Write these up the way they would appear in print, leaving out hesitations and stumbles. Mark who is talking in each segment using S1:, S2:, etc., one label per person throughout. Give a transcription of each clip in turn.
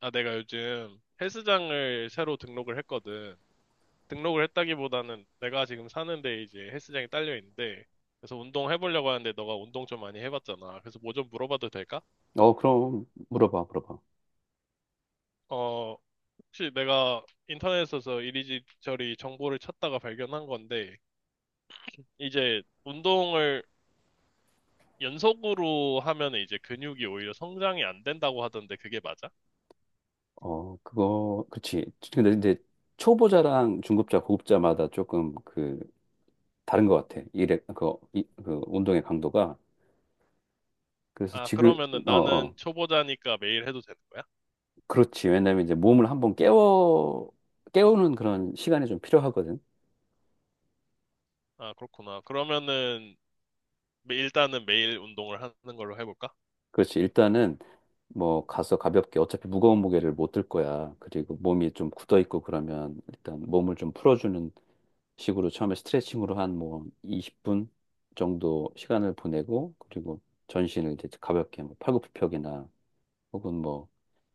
S1: 아, 내가 요즘 헬스장을 새로 등록을 했거든. 등록을 했다기보다는 내가 지금 사는데 이제 헬스장이 딸려 있는데, 그래서 운동 해보려고 하는데 너가 운동 좀 많이 해봤잖아. 그래서 뭐 좀 물어봐도 될까?
S2: 그럼 물어봐, 물어봐.
S1: 어, 혹시 내가 인터넷에서 이리저리 정보를 찾다가 발견한 건데, 이제 운동을 연속으로 하면 이제 근육이 오히려 성장이 안 된다고 하던데 그게 맞아?
S2: 그거, 그치. 근데 이제 초보자랑 중급자, 고급자마다 조금 그 다른 것 같아. 일에 그 운동의 강도가. 그래서
S1: 아,
S2: 지금,
S1: 그러면은
S2: 어,
S1: 나는
S2: 어,
S1: 초보자니까 매일 해도 되는 거야?
S2: 그렇지. 왜냐면 이제 몸을 한번 깨워 깨우는 그런 시간이 좀 필요하거든.
S1: 아, 그렇구나. 그러면은 일단은 매일 운동을 하는 걸로 해볼까?
S2: 그렇지. 일단은 뭐 가서 가볍게 어차피 무거운 무게를 못 들 거야. 그리고 몸이 좀 굳어 있고 그러면 일단 몸을 좀 풀어주는 식으로 처음에 스트레칭으로 한 뭐 20분 정도 시간을 보내고 그리고 전신을 이제 가볍게 뭐 팔굽혀펴기나 혹은 뭐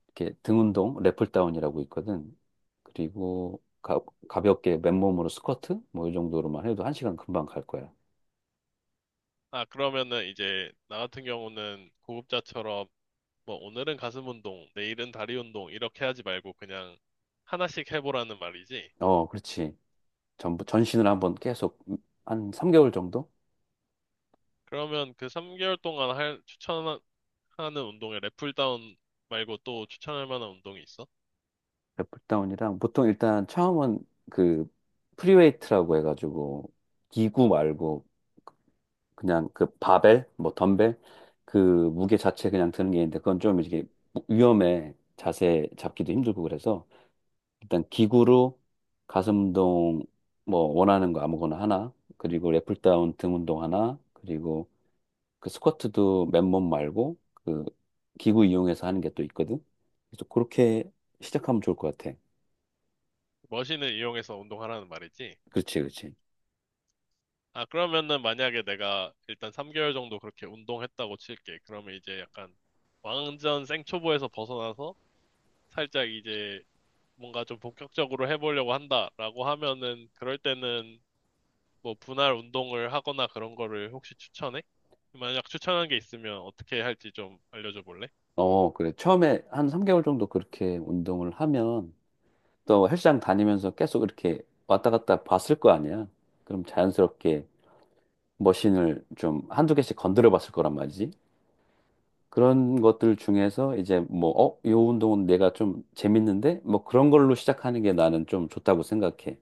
S2: 이렇게 등 운동 랩풀다운이라고 있거든. 그리고 가볍게 맨몸으로 스쿼트 뭐 이 정도로만 해도 한 시간 금방 갈 거야.
S1: 아, 그러면은 이제 나 같은 경우는 고급자처럼 뭐 오늘은 가슴 운동, 내일은 다리 운동 이렇게 하지 말고 그냥 하나씩 해보라는 말이지.
S2: 어, 그렇지. 전부 전신을 한번 계속 한 3개월 정도?
S1: 그러면 그 3개월 동안 할, 추천하는 운동에 랩풀다운 말고 또 추천할 만한 운동이 있어?
S2: 플다운이랑 보통 일단 처음은 그 프리웨이트라고 해가지고 기구 말고 그냥 그 바벨 뭐 덤벨 그 무게 자체 그냥 드는 게 있는데 그건 좀 이게 위험해. 자세 잡기도 힘들고 그래서 일단 기구로 가슴 운동 뭐 원하는 거 아무거나 하나 그리고 랩다운 등 운동 하나 그리고 그 스쿼트도 맨몸 말고 그 기구 이용해서 하는 게 또 있거든. 그래서 그렇게 시작하면 좋을 것 같아.
S1: 머신을 이용해서 운동하라는 말이지.
S2: 그렇지, 그렇지.
S1: 아, 그러면은 만약에 내가 일단 3개월 정도 그렇게 운동했다고 칠게. 그러면 이제 약간 완전 생초보에서 벗어나서 살짝 이제 뭔가 좀 본격적으로 해보려고 한다라고 하면은 그럴 때는 뭐 분할 운동을 하거나 그런 거를 혹시 추천해? 만약 추천한 게 있으면 어떻게 할지 좀 알려줘 볼래?
S2: 어, 그래. 처음에 한 3개월 정도 그렇게 운동을 하면 또 헬스장 다니면서 계속 이렇게 왔다 갔다 봤을 거 아니야. 그럼 자연스럽게 머신을 좀 한두 개씩 건드려 봤을 거란 말이지. 그런 것들 중에서 이제 뭐, 어, 요 운동은 내가 좀 재밌는데? 뭐 그런 걸로 시작하는 게 나는 좀 좋다고 생각해.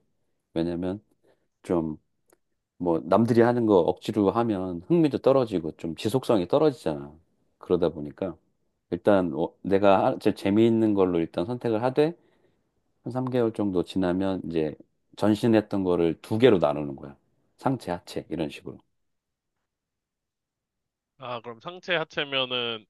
S2: 왜냐면 좀 뭐 남들이 하는 거 억지로 하면 흥미도 떨어지고 좀 지속성이 떨어지잖아. 그러다 보니까 일단 내가 하- 제 재미있는 걸로 일단 선택을 하되 한 3개월 정도 지나면 이제 전신했던 거를 두 개로 나누는 거야. 상체, 하체 이런 식으로.
S1: 아, 그럼 상체 하체면은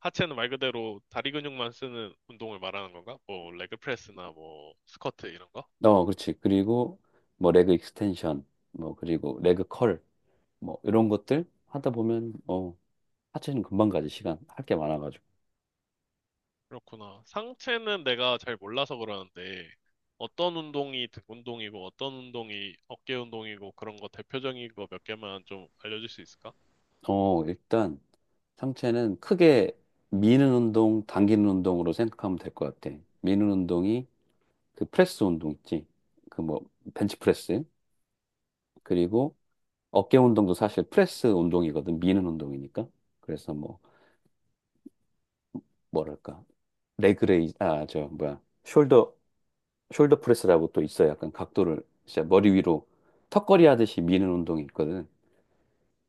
S1: 하체는 말 그대로 다리 근육만 쓰는 운동을 말하는 건가? 뭐 레그 프레스나 뭐 스쿼트 이런 거?
S2: 어, 그렇지. 그리고 뭐 레그 익스텐션, 뭐 그리고 레그 컬, 뭐 이런 것들 하다 보면 어 하체는 금방 가지. 시간 할 게 많아가지고.
S1: 그렇구나. 상체는 내가 잘 몰라서 그러는데 어떤 운동이 등 운동이고 어떤 운동이 어깨 운동이고 그런 거 대표적인 거 몇 개만 좀 알려줄 수 있을까?
S2: 어 일단 상체는 크게 미는 운동, 당기는 운동으로 생각하면 될 것 같아. 미는 운동이 그 프레스 운동 있지. 그 뭐, 벤치프레스. 그리고 어깨 운동도 사실 프레스 운동이거든. 미는 운동이니까. 그래서 뭐, 뭐랄까. 레그레이, 아, 저, 뭐야. 숄더, 숄더 프레스라고 또 있어. 약간 각도를 진짜 머리 위로 턱걸이 하듯이 미는 운동이 있거든.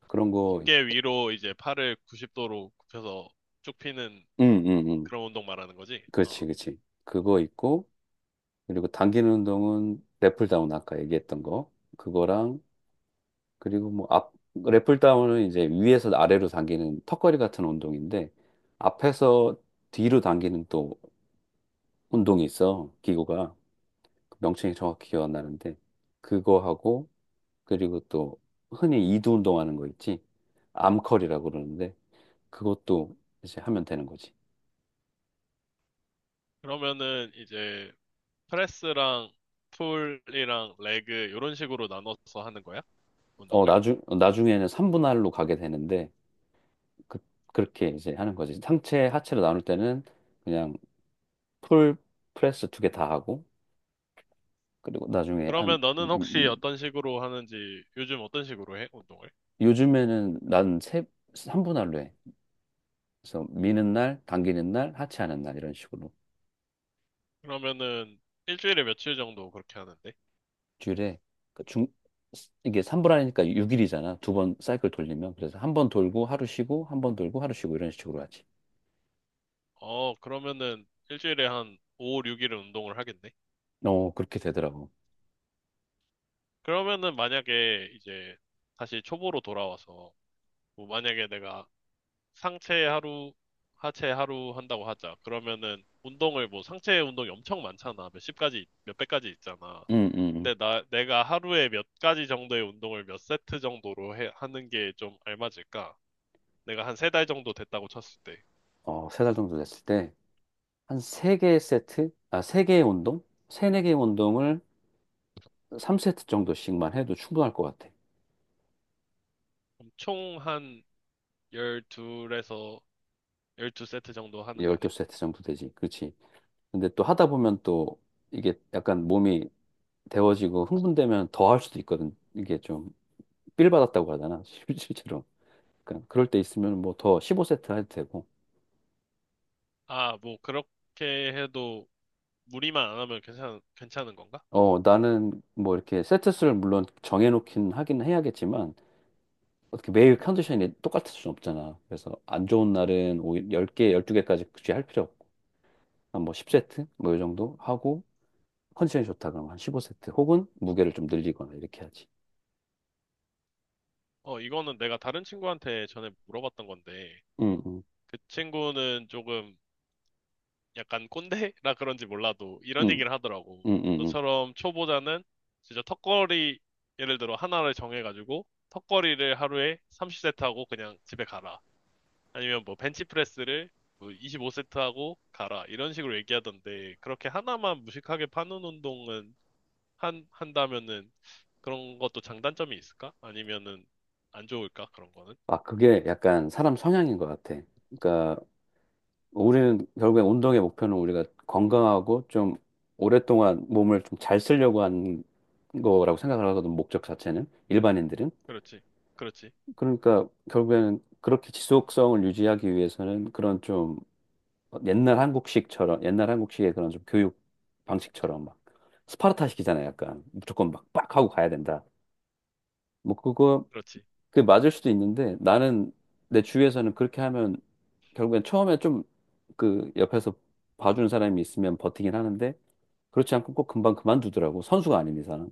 S2: 그런 거
S1: 어깨
S2: 있고.
S1: 위로 이제 팔을 90도로 굽혀서 쭉 피는
S2: 응, 응, 응.
S1: 그런 운동 말하는 거지.
S2: 그렇지,
S1: 어.
S2: 그렇지. 그거 있고. 그리고 당기는 운동은 랫풀다운 아까 얘기했던 거 그거랑 그리고 뭐 앞 랫풀다운은 이제 위에서 아래로 당기는 턱걸이 같은 운동인데 앞에서 뒤로 당기는 또 운동이 있어. 기구가 명칭이 정확히 기억 안 나는데 그거 하고 그리고 또 흔히 이두 운동하는 거 있지. 암컬이라고 그러는데 그것도 이제 하면 되는 거지.
S1: 그러면은 이제 프레스랑 풀이랑 레그 이런 식으로 나눠서 하는 거야? 운동을?
S2: 나중에는 삼분할로 가게 되는데 그, 그렇게 이제 하는 거지. 상체 하체로 나눌 때는 그냥 풀 프레스 두 개 다 하고 그리고 나중에 한
S1: 그러면
S2: 음,
S1: 너는
S2: 음,
S1: 혹시
S2: 음.
S1: 어떤 식으로 하는지 요즘 어떤 식으로 해? 운동을?
S2: 요즘에는 난세 3분할로 해. 그래서 미는 날, 당기는 날, 하체하는 날 이런 식으로.
S1: 그러면은 일주일에 며칠 정도 그렇게 하는데?
S2: 주일에 그 중, 이게 3분할이니까 6일이잖아. 두 번 사이클 돌리면 그래서 한 번 돌고 하루 쉬고 한 번 돌고 하루 쉬고 이런 식으로 하지.
S1: 어, 그러면은 일주일에 한 5, 6일은 운동을 하겠네?
S2: 어 그렇게 되더라고.
S1: 그러면은 만약에 이제 다시 초보로 돌아와서 뭐 만약에 내가 상체 하루, 하체 하루 한다고 하자. 그러면은 운동을 뭐 상체 운동이 엄청 많잖아. 몇십 가지, 몇백 가지 있잖아.
S2: 음, 음, 음.
S1: 근데 내가 하루에 몇 가지 정도의 운동을 몇 세트 정도로 하는 게 좀 알맞을까? 내가 한 세 달 정도 됐다고 쳤을 때.
S2: 어, 세 달 정도 됐을 때 한 세 개의 세트, 아, 세 개의 운동, 세네 개의 운동을 3세트 정도씩만 해도 충분할 것 같아.
S1: 그럼 총한 12에서 12세트 정도 하는 거네?
S2: 12세트 정도 되지. 그렇지. 근데 또 하다 보면 또 이게 약간 몸이 데워지고 흥분되면 더 할 수도 있거든. 이게 좀 삘 받았다고 하잖아. 실제로. 그러니까 그럴 때 있으면 뭐 더 15세트 해도 되고.
S1: 아, 뭐 그렇게 해도 무리만 안 하면 괜찮은 건가?
S2: 어, 나는 뭐 이렇게 세트 수를 물론 정해놓긴 하긴 해야겠지만 어떻게 매일 컨디션이 똑같을 수는 없잖아. 그래서 안 좋은 날은 오히 10개, 12개까지 굳이 할 필요 없고 한 뭐 10세트 뭐 이 정도 하고 컨디션이 좋다 그러면 한 15세트 혹은 무게를 좀 늘리거나 이렇게 하지.
S1: 어, 이거는 내가 다른 친구한테 전에 물어봤던 건데,
S2: 응, 응,
S1: 그 친구는 조금 약간 꼰대라 그런지 몰라도 이런
S2: 응,
S1: 얘기를 하더라고.
S2: 응, 응, 응.
S1: 너처럼 초보자는 진짜 턱걸이 예를 들어 하나를 정해가지고 턱걸이를 하루에 30세트 하고 그냥 집에 가라. 아니면 뭐 벤치프레스를 25세트 하고 가라. 이런 식으로 얘기하던데 그렇게 하나만 무식하게 파는 운동은 한다면은 그런 것도 장단점이 있을까? 아니면은 안 좋을까? 그런 거는?
S2: 아, 그게 약간 사람 성향인 것 같아. 그러니까 우리는 결국에 운동의 목표는 우리가 건강하고 좀 오랫동안 몸을 좀 잘 쓰려고 하는 거라고 생각을 하거든, 목적 자체는. 일반인들은.
S1: 그렇지. 그렇지.
S2: 그러니까 결국에는 그렇게 지속성을 유지하기 위해서는 그런 좀 옛날 한국식처럼, 옛날 한국식의 그런 좀 교육 방식처럼 막 스파르타식이잖아요, 약간. 무조건 막 빡 하고 가야 된다. 뭐 그거
S1: 그렇지.
S2: 그게 맞을 수도 있는데 나는 내 주위에서는 그렇게 하면 결국엔 처음에 좀 그 옆에서 봐주는 사람이 있으면 버티긴 하는데 그렇지 않고 꼭 금방 그만두더라고. 선수가 아닌 이상은.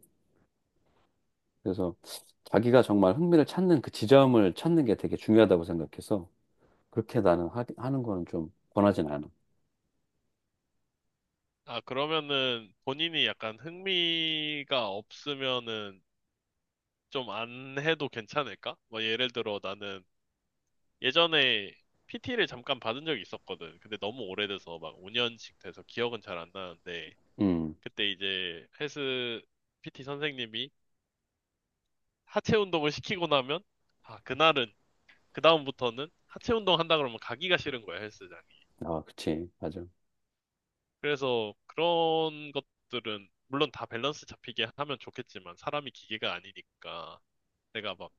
S2: 그래서 자기가 정말 흥미를 찾는 그 지점을 찾는 게 되게 중요하다고 생각해서 그렇게 나는 하는 거는 좀 권하진 않아.
S1: 아, 그러면은 본인이 약간 흥미가 없으면은 좀 안 해도 괜찮을까? 뭐 예를 들어 나는 예전에 PT를 잠깐 받은 적이 있었거든. 근데 너무 오래돼서 막 5년씩 돼서 기억은 잘 안 나는데
S2: 음.
S1: 그때 이제 헬스 PT 선생님이 하체 운동을 시키고 나면 아, 그날은 그다음부터는 하체 운동 한다 그러면 가기가 싫은 거야, 헬스장.
S2: 아, 그치. 맞아.
S1: 그래서 그런 것들은 물론 다 밸런스 잡히게 하면 좋겠지만 사람이 기계가 아니니까 내가 막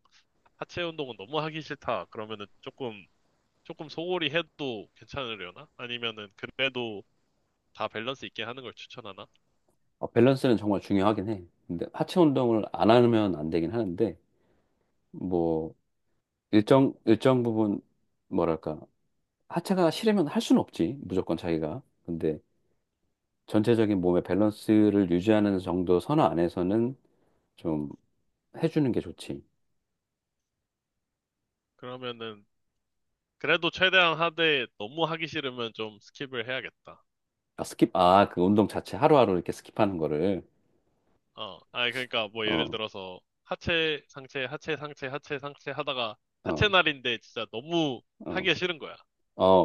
S1: 하체 운동은 너무 하기 싫다 그러면은 조금 소홀히 해도 괜찮으려나? 아니면은 그래도 다 밸런스 있게 하는 걸 추천하나?
S2: 어, 밸런스는 정말 중요하긴 해. 근데 하체 운동을 안 하면 안 되긴 하는데 뭐 일정 부분 뭐랄까 하체가 싫으면 할 수는 없지. 무조건 자기가. 근데 전체적인 몸의 밸런스를 유지하는 정도 선호 안에서는 좀 해주는 게 좋지.
S1: 그러면은 그래도 최대한 하되 너무 하기 싫으면 좀 스킵을 해야겠다.
S2: 아, 스킵. 아, 그 운동 자체 하루하루 이렇게 스킵하는 거를.
S1: 어, 아니 그러니까 뭐 예를
S2: 어,
S1: 들어서 하체 상체 하체 상체 하체 상체 하다가 하체
S2: 어,
S1: 날인데 진짜 너무
S2: 어,
S1: 하기가
S2: 어,
S1: 싫은 거야.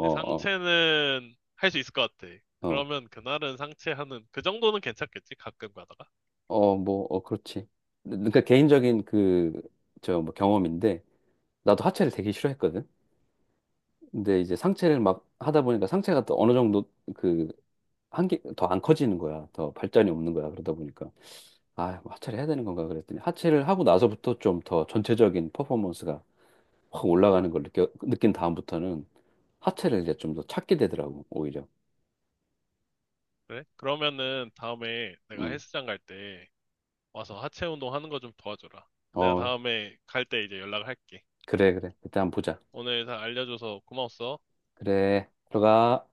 S1: 근데
S2: 어,
S1: 상체는 할 수 있을 것 같아.
S2: 어,
S1: 그러면 그날은 상체 하는, 그 정도는 괜찮겠지? 가끔 가다가.
S2: 어, 뭐, 어, 그렇지. 그러니까 개인적인 그, 저, 뭐 경험인데, 나도 하체를 되게 싫어했거든. 근데 이제 상체를 막 하다 보니까 상체가 또 어느 정도 그, 한계, 더 안 커지는 거야. 더 발전이 없는 거야. 그러다 보니까. 아, 하체를 해야 되는 건가 그랬더니 하체를 하고 나서부터 좀 더 전체적인 퍼포먼스가 확 올라가는 걸 느낀 다음부터는 하체를 이제 좀 더 찾게 되더라고, 오히려.
S1: 그래? 그러면은 다음에 내가
S2: 음.
S1: 헬스장 갈 때 와서 하체 운동 하는 거 좀 도와줘라. 내가
S2: 어,
S1: 다음에 갈 때 이제 연락을 할게.
S2: 그래, 그래. 그때 한번 보자.
S1: 오늘 다 알려줘서 고마웠어.
S2: 그래, 들어가.